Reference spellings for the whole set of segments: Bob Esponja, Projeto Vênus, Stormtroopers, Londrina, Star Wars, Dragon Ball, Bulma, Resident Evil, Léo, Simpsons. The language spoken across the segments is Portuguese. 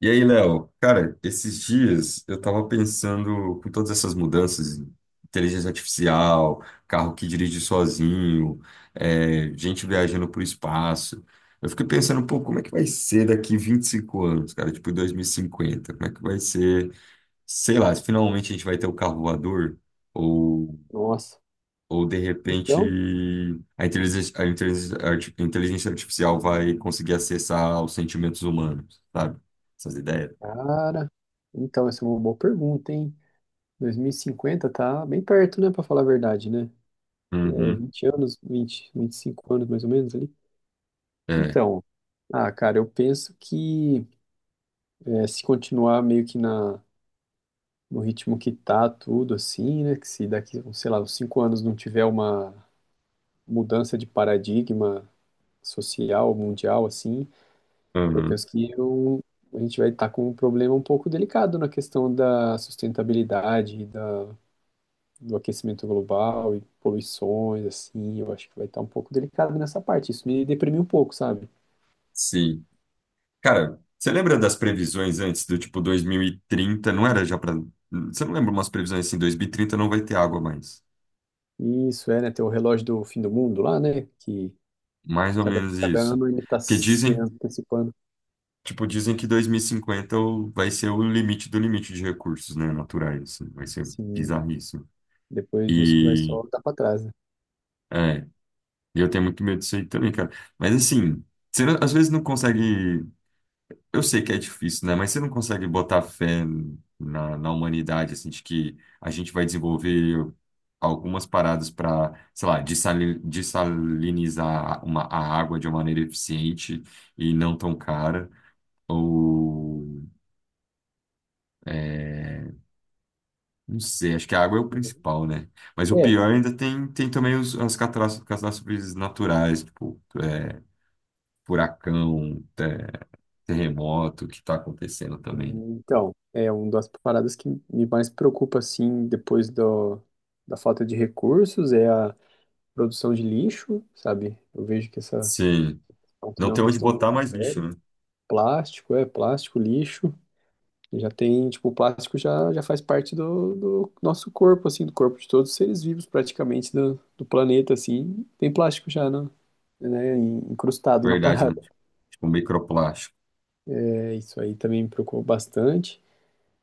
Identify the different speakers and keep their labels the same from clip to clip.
Speaker 1: E aí, Léo, cara, esses dias eu tava pensando com todas essas mudanças, inteligência artificial, carro que dirige sozinho, é, gente viajando pro espaço. Eu fiquei pensando, pô, como é que vai ser daqui 25 anos, cara? Tipo, 2050? Como é que vai ser? Sei lá, se finalmente a gente vai ter o carro voador ou,
Speaker 2: Nossa,
Speaker 1: ou de repente
Speaker 2: então,
Speaker 1: a inteligência artificial vai conseguir acessar os sentimentos humanos, sabe? Essas ideias.
Speaker 2: cara, então essa é uma boa pergunta, hein? 2050 tá bem perto, né? Pra falar a verdade, né? É 20 anos, vinte, 25 anos mais ou menos ali.
Speaker 1: É,
Speaker 2: Então, ah, cara, eu penso que se continuar meio que na no ritmo que tá tudo assim, né, que se daqui, sei lá, uns 5 anos não tiver uma mudança de paradigma social, mundial assim. Eu
Speaker 1: aham,
Speaker 2: penso que a gente vai estar com um problema um pouco delicado na questão da sustentabilidade, do aquecimento global e poluições, assim. Eu acho que vai estar um pouco delicado nessa parte. Isso me deprimiu um pouco, sabe?
Speaker 1: sim. Cara, você lembra das previsões antes do tipo 2030? Não era já pra. Você não lembra umas previsões assim, 2030 não vai ter água mais.
Speaker 2: E isso é, né? Tem o relógio do fim do mundo lá, né? Que
Speaker 1: Mais ou
Speaker 2: cada,
Speaker 1: menos
Speaker 2: cada
Speaker 1: isso.
Speaker 2: ano ele está
Speaker 1: Porque
Speaker 2: se
Speaker 1: dizem,
Speaker 2: antecipando.
Speaker 1: tipo, dizem que 2050 vai ser o limite do limite de recursos, né, naturais, assim. Vai ser
Speaker 2: Sim,
Speaker 1: bizarríssimo.
Speaker 2: depois disso vai
Speaker 1: E
Speaker 2: só dar para trás, né?
Speaker 1: é, eu tenho muito medo disso aí também, cara. Mas assim, você não- às vezes não consegue. Eu sei que é difícil, né? Mas você não consegue botar fé na humanidade, assim, de que a gente vai desenvolver algumas paradas para, sei lá, dessalinizar a água de uma maneira eficiente e não tão cara. Ou, é, não sei, acho que a água é o principal, né? Mas o
Speaker 2: É,
Speaker 1: pior ainda tem também os, as catástrofes, catástrofes naturais, tipo, é, furacão, é, terremoto que está acontecendo também.
Speaker 2: então, é uma das paradas que me mais preocupa, assim, depois da falta de recursos, é a produção de lixo, sabe? Eu vejo que essa
Speaker 1: Sim.
Speaker 2: também
Speaker 1: Não
Speaker 2: é
Speaker 1: tem
Speaker 2: uma
Speaker 1: onde
Speaker 2: questão
Speaker 1: botar
Speaker 2: muito
Speaker 1: mais lixo,
Speaker 2: séria.
Speaker 1: né?
Speaker 2: Plástico, plástico, lixo. Já tem, tipo, o plástico já faz parte do nosso corpo, assim, do corpo de todos os seres vivos, praticamente, do planeta, assim. Tem plástico já, né, encrustado na
Speaker 1: Verdade, né?
Speaker 2: parada.
Speaker 1: Tipo, microplástico.
Speaker 2: É, isso aí também me preocupa bastante.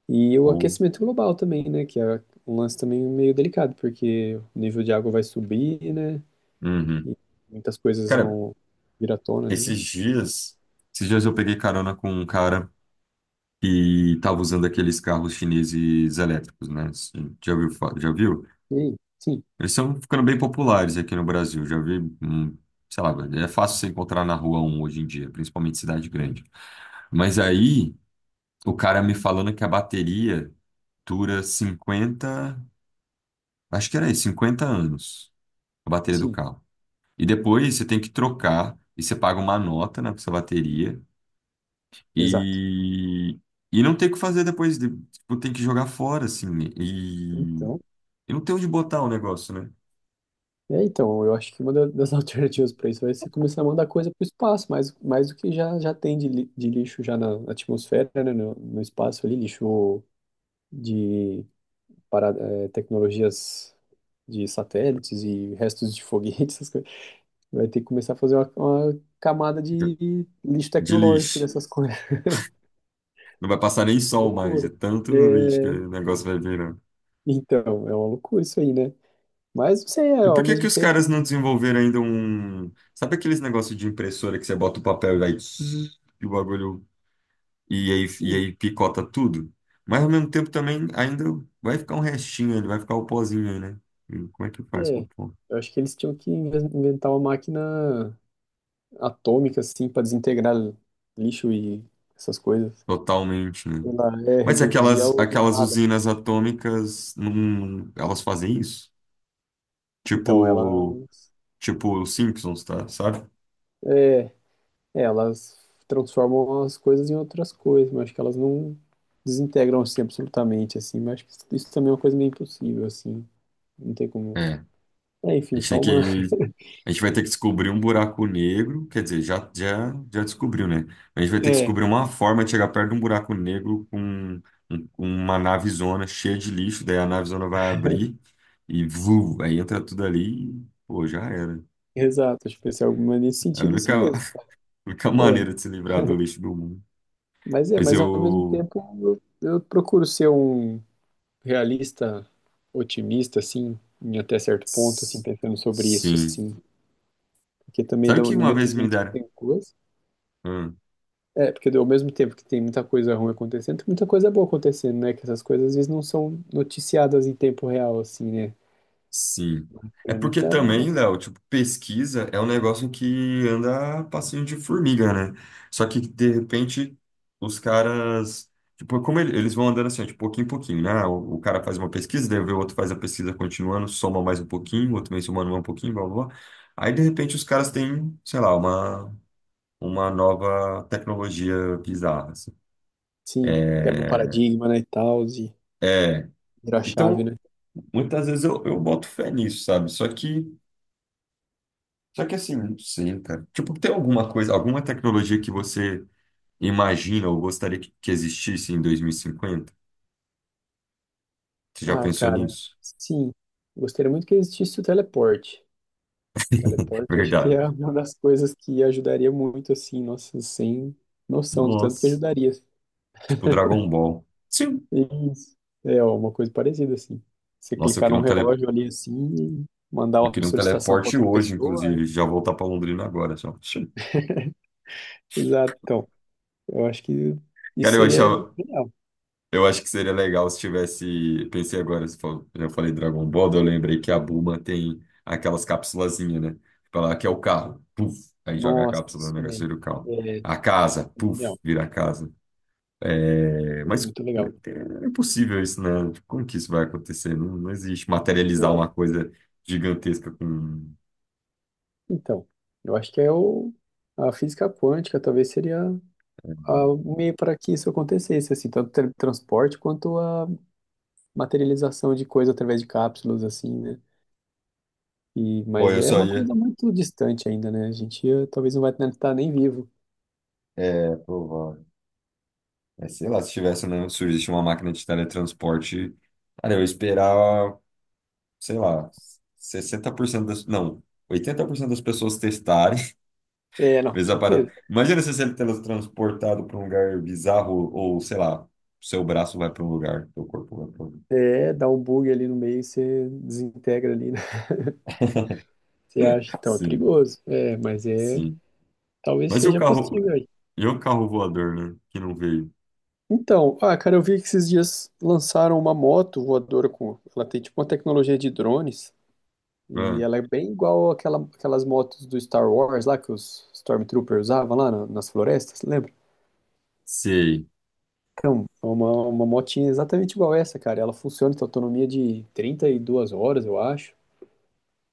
Speaker 2: E o
Speaker 1: Ou.
Speaker 2: aquecimento global também, né, que é um lance também meio delicado, porque o nível de água vai subir, né,
Speaker 1: Uhum.
Speaker 2: e muitas coisas
Speaker 1: Cara,
Speaker 2: vão vir à tona ali, né.
Speaker 1: esses dias... Esses dias eu peguei carona com um cara que tava usando aqueles carros chineses elétricos, né? Assim, já viu?
Speaker 2: E sim.
Speaker 1: Eles estão ficando bem populares aqui no Brasil. Já vi, sei lá, velho, é fácil você encontrar na rua um hoje em dia, principalmente em cidade grande. Mas aí, o cara me falando que a bateria dura 50 acho que era isso, 50 anos, a bateria do
Speaker 2: Sim,
Speaker 1: carro. E depois você tem que trocar e você paga uma nota na sua bateria
Speaker 2: exato.
Speaker 1: e, e não tem o que fazer depois. Tipo, tem que jogar fora, assim. E,
Speaker 2: Então,
Speaker 1: e não tem onde botar o negócio, né?
Speaker 2: então, eu acho que uma das alternativas para isso vai ser começar a mandar coisa para o espaço, mais do que já tem de lixo já na atmosfera, né, no espaço ali, lixo de para, tecnologias de satélites e restos de foguetes, essas coisas. Vai ter que começar a fazer uma camada de lixo
Speaker 1: De
Speaker 2: tecnológico
Speaker 1: lixo.
Speaker 2: dessas coisas.
Speaker 1: Não vai passar nem sol mais. É
Speaker 2: Loucura.
Speaker 1: tanto lixo que
Speaker 2: É,
Speaker 1: o negócio vai virando.
Speaker 2: então, é uma loucura isso aí, né? Mas, não sei,
Speaker 1: E
Speaker 2: ao
Speaker 1: por que que
Speaker 2: mesmo
Speaker 1: os caras
Speaker 2: tempo,
Speaker 1: não desenvolveram ainda um. Sabe aqueles negócios de impressora que você bota o papel e vai, zzz, e o bagulho e aí, e
Speaker 2: sim.
Speaker 1: aí picota tudo. Mas ao mesmo tempo também ainda vai ficar um restinho, ele vai ficar o pozinho aí, né? E como é que faz com o
Speaker 2: É,
Speaker 1: pó?
Speaker 2: eu acho que eles tinham que inventar uma máquina atômica, assim, para desintegrar lixo e essas coisas.
Speaker 1: Totalmente, né?
Speaker 2: Ela é
Speaker 1: Mas
Speaker 2: reduzir
Speaker 1: aquelas,
Speaker 2: ao
Speaker 1: aquelas
Speaker 2: nada.
Speaker 1: usinas atômicas, não, elas fazem isso?
Speaker 2: Então,
Speaker 1: Tipo,
Speaker 2: elas,
Speaker 1: tipo os Simpsons, tá? Sabe?
Speaker 2: é, elas transformam as coisas em outras coisas, mas acho que elas não desintegram assim absolutamente, assim, mas acho que isso também é uma coisa meio impossível, assim. Não tem como...
Speaker 1: É.
Speaker 2: É,
Speaker 1: A
Speaker 2: enfim,
Speaker 1: gente tem
Speaker 2: só uma...
Speaker 1: que A gente vai ter que descobrir um buraco negro, quer dizer, já descobriu, né? A gente vai ter que
Speaker 2: É,
Speaker 1: descobrir uma forma de chegar perto de um buraco negro com uma navezona cheia de lixo, daí a navezona vai abrir e vu, aí entra tudo ali e, pô, já era.
Speaker 2: exato, acho que vai ser alguma nesse
Speaker 1: É a
Speaker 2: sentido
Speaker 1: única,
Speaker 2: assim mesmo.
Speaker 1: a única
Speaker 2: É,
Speaker 1: maneira de se livrar do lixo do mundo.
Speaker 2: mas é,
Speaker 1: Mas
Speaker 2: mas ao mesmo
Speaker 1: eu.
Speaker 2: tempo eu procuro ser um realista, otimista, assim, em até certo ponto, assim,
Speaker 1: s-
Speaker 2: pensando sobre isso,
Speaker 1: Sim.
Speaker 2: assim. Porque também,
Speaker 1: Sabe o
Speaker 2: do,
Speaker 1: que
Speaker 2: do
Speaker 1: uma
Speaker 2: mesmo
Speaker 1: vez me
Speaker 2: jeito que
Speaker 1: deram?
Speaker 2: tem coisa.
Speaker 1: Hum.
Speaker 2: É, porque ao mesmo tempo que tem muita coisa ruim acontecendo, tem muita coisa boa acontecendo, né? Que essas coisas às vezes não são noticiadas em tempo real, assim, né?
Speaker 1: Sim. É
Speaker 2: Tem
Speaker 1: porque
Speaker 2: muita.
Speaker 1: também, Léo, tipo, pesquisa é um negócio que anda a passinho de formiga, né? Só que, de repente, os caras. Tipo, como eles vão andando assim, ó, de pouquinho em pouquinho, né? Ah, o cara faz uma pesquisa, daí vê o outro faz a pesquisa continuando, soma mais um pouquinho, o outro vem somando mais um pouquinho, blá, blá, blá. Aí, de repente, os caras têm, sei lá, uma nova tecnologia bizarra, assim.
Speaker 2: Sim, quebra um
Speaker 1: É,
Speaker 2: paradigma, né? E tal, e
Speaker 1: é.
Speaker 2: vira a chave,
Speaker 1: Então,
Speaker 2: né?
Speaker 1: muitas vezes eu boto fé nisso, sabe? Só que. Assim, não sei, cara. Tipo, tem alguma coisa, alguma tecnologia que você imagina ou gostaria que existisse em 2050? Você já
Speaker 2: Ah,
Speaker 1: pensou
Speaker 2: cara,
Speaker 1: nisso?
Speaker 2: sim. Gostaria muito que existisse o teleporte. Teleporte, acho que
Speaker 1: Verdade.
Speaker 2: é uma das coisas que ajudaria muito, assim, nossa, sem noção do tanto que
Speaker 1: Nossa.
Speaker 2: ajudaria.
Speaker 1: Tipo Dragon Ball. Sim.
Speaker 2: Isso. É ó, uma coisa parecida, assim. Você
Speaker 1: Nossa,
Speaker 2: clicar num relógio ali, assim, mandar
Speaker 1: eu
Speaker 2: uma
Speaker 1: queria um
Speaker 2: solicitação para
Speaker 1: teleporte
Speaker 2: outra
Speaker 1: hoje,
Speaker 2: pessoa, é.
Speaker 1: inclusive. Já voltar pra Londrina agora, só. Sim.
Speaker 2: Exato. Então, eu acho que isso
Speaker 1: Cara, eu
Speaker 2: seria
Speaker 1: achava,
Speaker 2: genial.
Speaker 1: Eu acho que seria legal se tivesse. Pensei agora, se for- eu falei Dragon Ball, eu lembrei que a Bulma tem aquelas cápsulazinhas, né? Tipo, ela que é o carro, puf, aí joga a
Speaker 2: Nossa,
Speaker 1: cápsula no
Speaker 2: isso
Speaker 1: negócio e
Speaker 2: também.
Speaker 1: vira o carro.
Speaker 2: É,
Speaker 1: A casa,
Speaker 2: é
Speaker 1: puf,
Speaker 2: genial.
Speaker 1: vira a casa. É,
Speaker 2: É
Speaker 1: mas
Speaker 2: muito legal.
Speaker 1: né, é impossível isso, né? Tipo, como que isso vai acontecer? Não, não existe materializar uma
Speaker 2: É,
Speaker 1: coisa gigantesca com.
Speaker 2: então, eu acho que a física quântica talvez seria o meio para que isso acontecesse, assim, tanto teletransporte quanto a materialização de coisa através de cápsulas, assim, né? E,
Speaker 1: Pô,
Speaker 2: mas
Speaker 1: eu
Speaker 2: é
Speaker 1: só
Speaker 2: uma
Speaker 1: ia.
Speaker 2: coisa muito distante ainda, né? A gente talvez não vai estar nem vivo.
Speaker 1: É, provável. É, sei lá, se tivesse, né? Surgisse uma máquina de teletransporte. Cara, eu ia esperar, sei lá, 60% das, não, 80% das pessoas testarem,
Speaker 2: É, não, com
Speaker 1: vezes a parada.
Speaker 2: certeza.
Speaker 1: Imagina se você é teletransportado para um lugar bizarro ou, sei lá, seu braço vai para um lugar, seu corpo vai para outro.
Speaker 2: É, dá um bug ali no meio, você desintegra ali, né? Você acha, então, é
Speaker 1: Sim,
Speaker 2: perigoso. É, mas
Speaker 1: sim.
Speaker 2: talvez
Speaker 1: Mas e o
Speaker 2: seja
Speaker 1: carro,
Speaker 2: possível aí.
Speaker 1: e o carro voador, né, que não veio?
Speaker 2: Então, ah, cara, eu vi que esses dias lançaram uma moto voadora com, ela tem tipo uma tecnologia de drones e
Speaker 1: Ah,
Speaker 2: ela é bem igual àquela, aquelas motos do Star Wars lá que os Stormtroopers usavam lá nas florestas, lembra?
Speaker 1: sei.
Speaker 2: Então, é uma motinha exatamente igual essa, cara. Ela funciona, com autonomia de 32 horas, eu acho.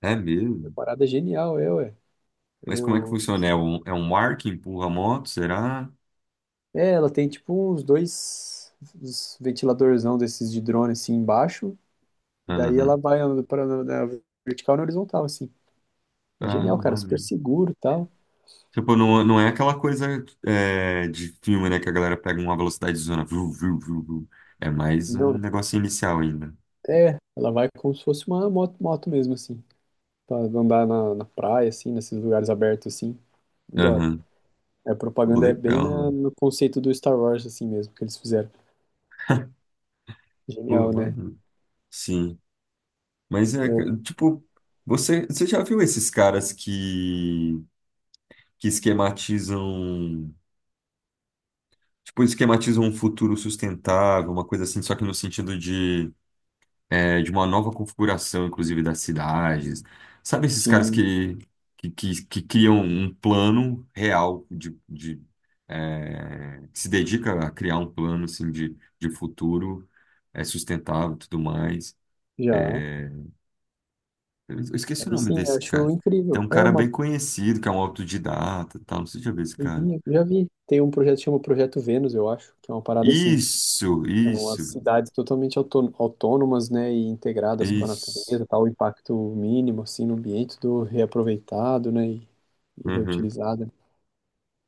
Speaker 1: É
Speaker 2: Uma
Speaker 1: mesmo?
Speaker 2: parada é genial, é, ué.
Speaker 1: Mas como é que
Speaker 2: Eu...
Speaker 1: funciona? É um ar que empurra a moto, será?
Speaker 2: É, ela tem tipo uns ventiladorzão desses de drone assim embaixo. E daí
Speaker 1: Aham.
Speaker 2: ela vai para na vertical e na horizontal, assim. Genial,
Speaker 1: Ah,
Speaker 2: cara. Super
Speaker 1: maneiro.
Speaker 2: seguro e tal.
Speaker 1: Tipo, não, não é aquela coisa é, de filme, né? Que a galera pega uma velocidade de zona. Viu, viu, viu, viu. É mais um
Speaker 2: Não,
Speaker 1: negócio inicial ainda.
Speaker 2: é, ela vai como se fosse uma moto, moto mesmo, assim. Pra andar na praia, assim, nesses lugares abertos, assim. Da hora.
Speaker 1: Aham.
Speaker 2: É, a
Speaker 1: Pô,
Speaker 2: propaganda é bem
Speaker 1: legal.
Speaker 2: no conceito do Star Wars, assim mesmo, que eles fizeram.
Speaker 1: Pô,
Speaker 2: Genial, né?
Speaker 1: mano. Sim. Mas
Speaker 2: Eu,
Speaker 1: tipo, você já viu esses caras que esquematizam, tipo, esquematizam um futuro sustentável, uma coisa assim, só que no sentido de uma nova configuração, inclusive, das cidades. Sabe esses caras
Speaker 2: sim,
Speaker 1: que criam um plano real que se dedica a criar um plano assim, de futuro sustentável e tudo mais.
Speaker 2: já.
Speaker 1: É, eu esqueci o
Speaker 2: Aí
Speaker 1: nome
Speaker 2: sim,
Speaker 1: desse
Speaker 2: acho
Speaker 1: cara. Tem
Speaker 2: incrível.
Speaker 1: um
Speaker 2: É
Speaker 1: cara
Speaker 2: uma.
Speaker 1: bem conhecido, que é um autodidata, e tal. Não sei se já viu esse cara.
Speaker 2: Já vi. Tem um projeto que chama Projeto Vênus, eu acho, que é uma parada assim.
Speaker 1: Isso,
Speaker 2: São as
Speaker 1: isso,
Speaker 2: cidades totalmente autônomas, né, e integradas com a
Speaker 1: isso.
Speaker 2: natureza, tal, o impacto mínimo, assim, no ambiente, do reaproveitado, né, e
Speaker 1: Uhum.
Speaker 2: reutilizado.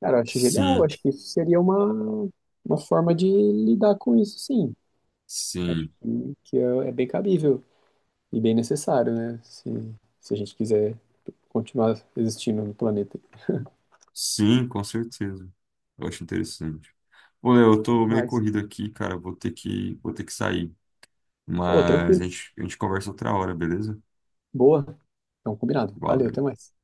Speaker 2: Cara, eu acho genial, eu
Speaker 1: Sim,
Speaker 2: acho que isso seria uma forma de lidar com isso, sim. Eu acho
Speaker 1: sim.
Speaker 2: que é bem cabível. E bem necessário, né? Se a gente quiser continuar existindo no planeta.
Speaker 1: Sim, com certeza. Eu acho interessante. Pô, Léo, eu
Speaker 2: É
Speaker 1: tô meio
Speaker 2: demais.
Speaker 1: corrido aqui, cara. Vou ter que sair.
Speaker 2: Pô,
Speaker 1: Mas a
Speaker 2: tranquilo.
Speaker 1: gente, a gente conversa outra hora, beleza?
Speaker 2: Boa. Então, combinado. Valeu, até
Speaker 1: Valeu.
Speaker 2: mais.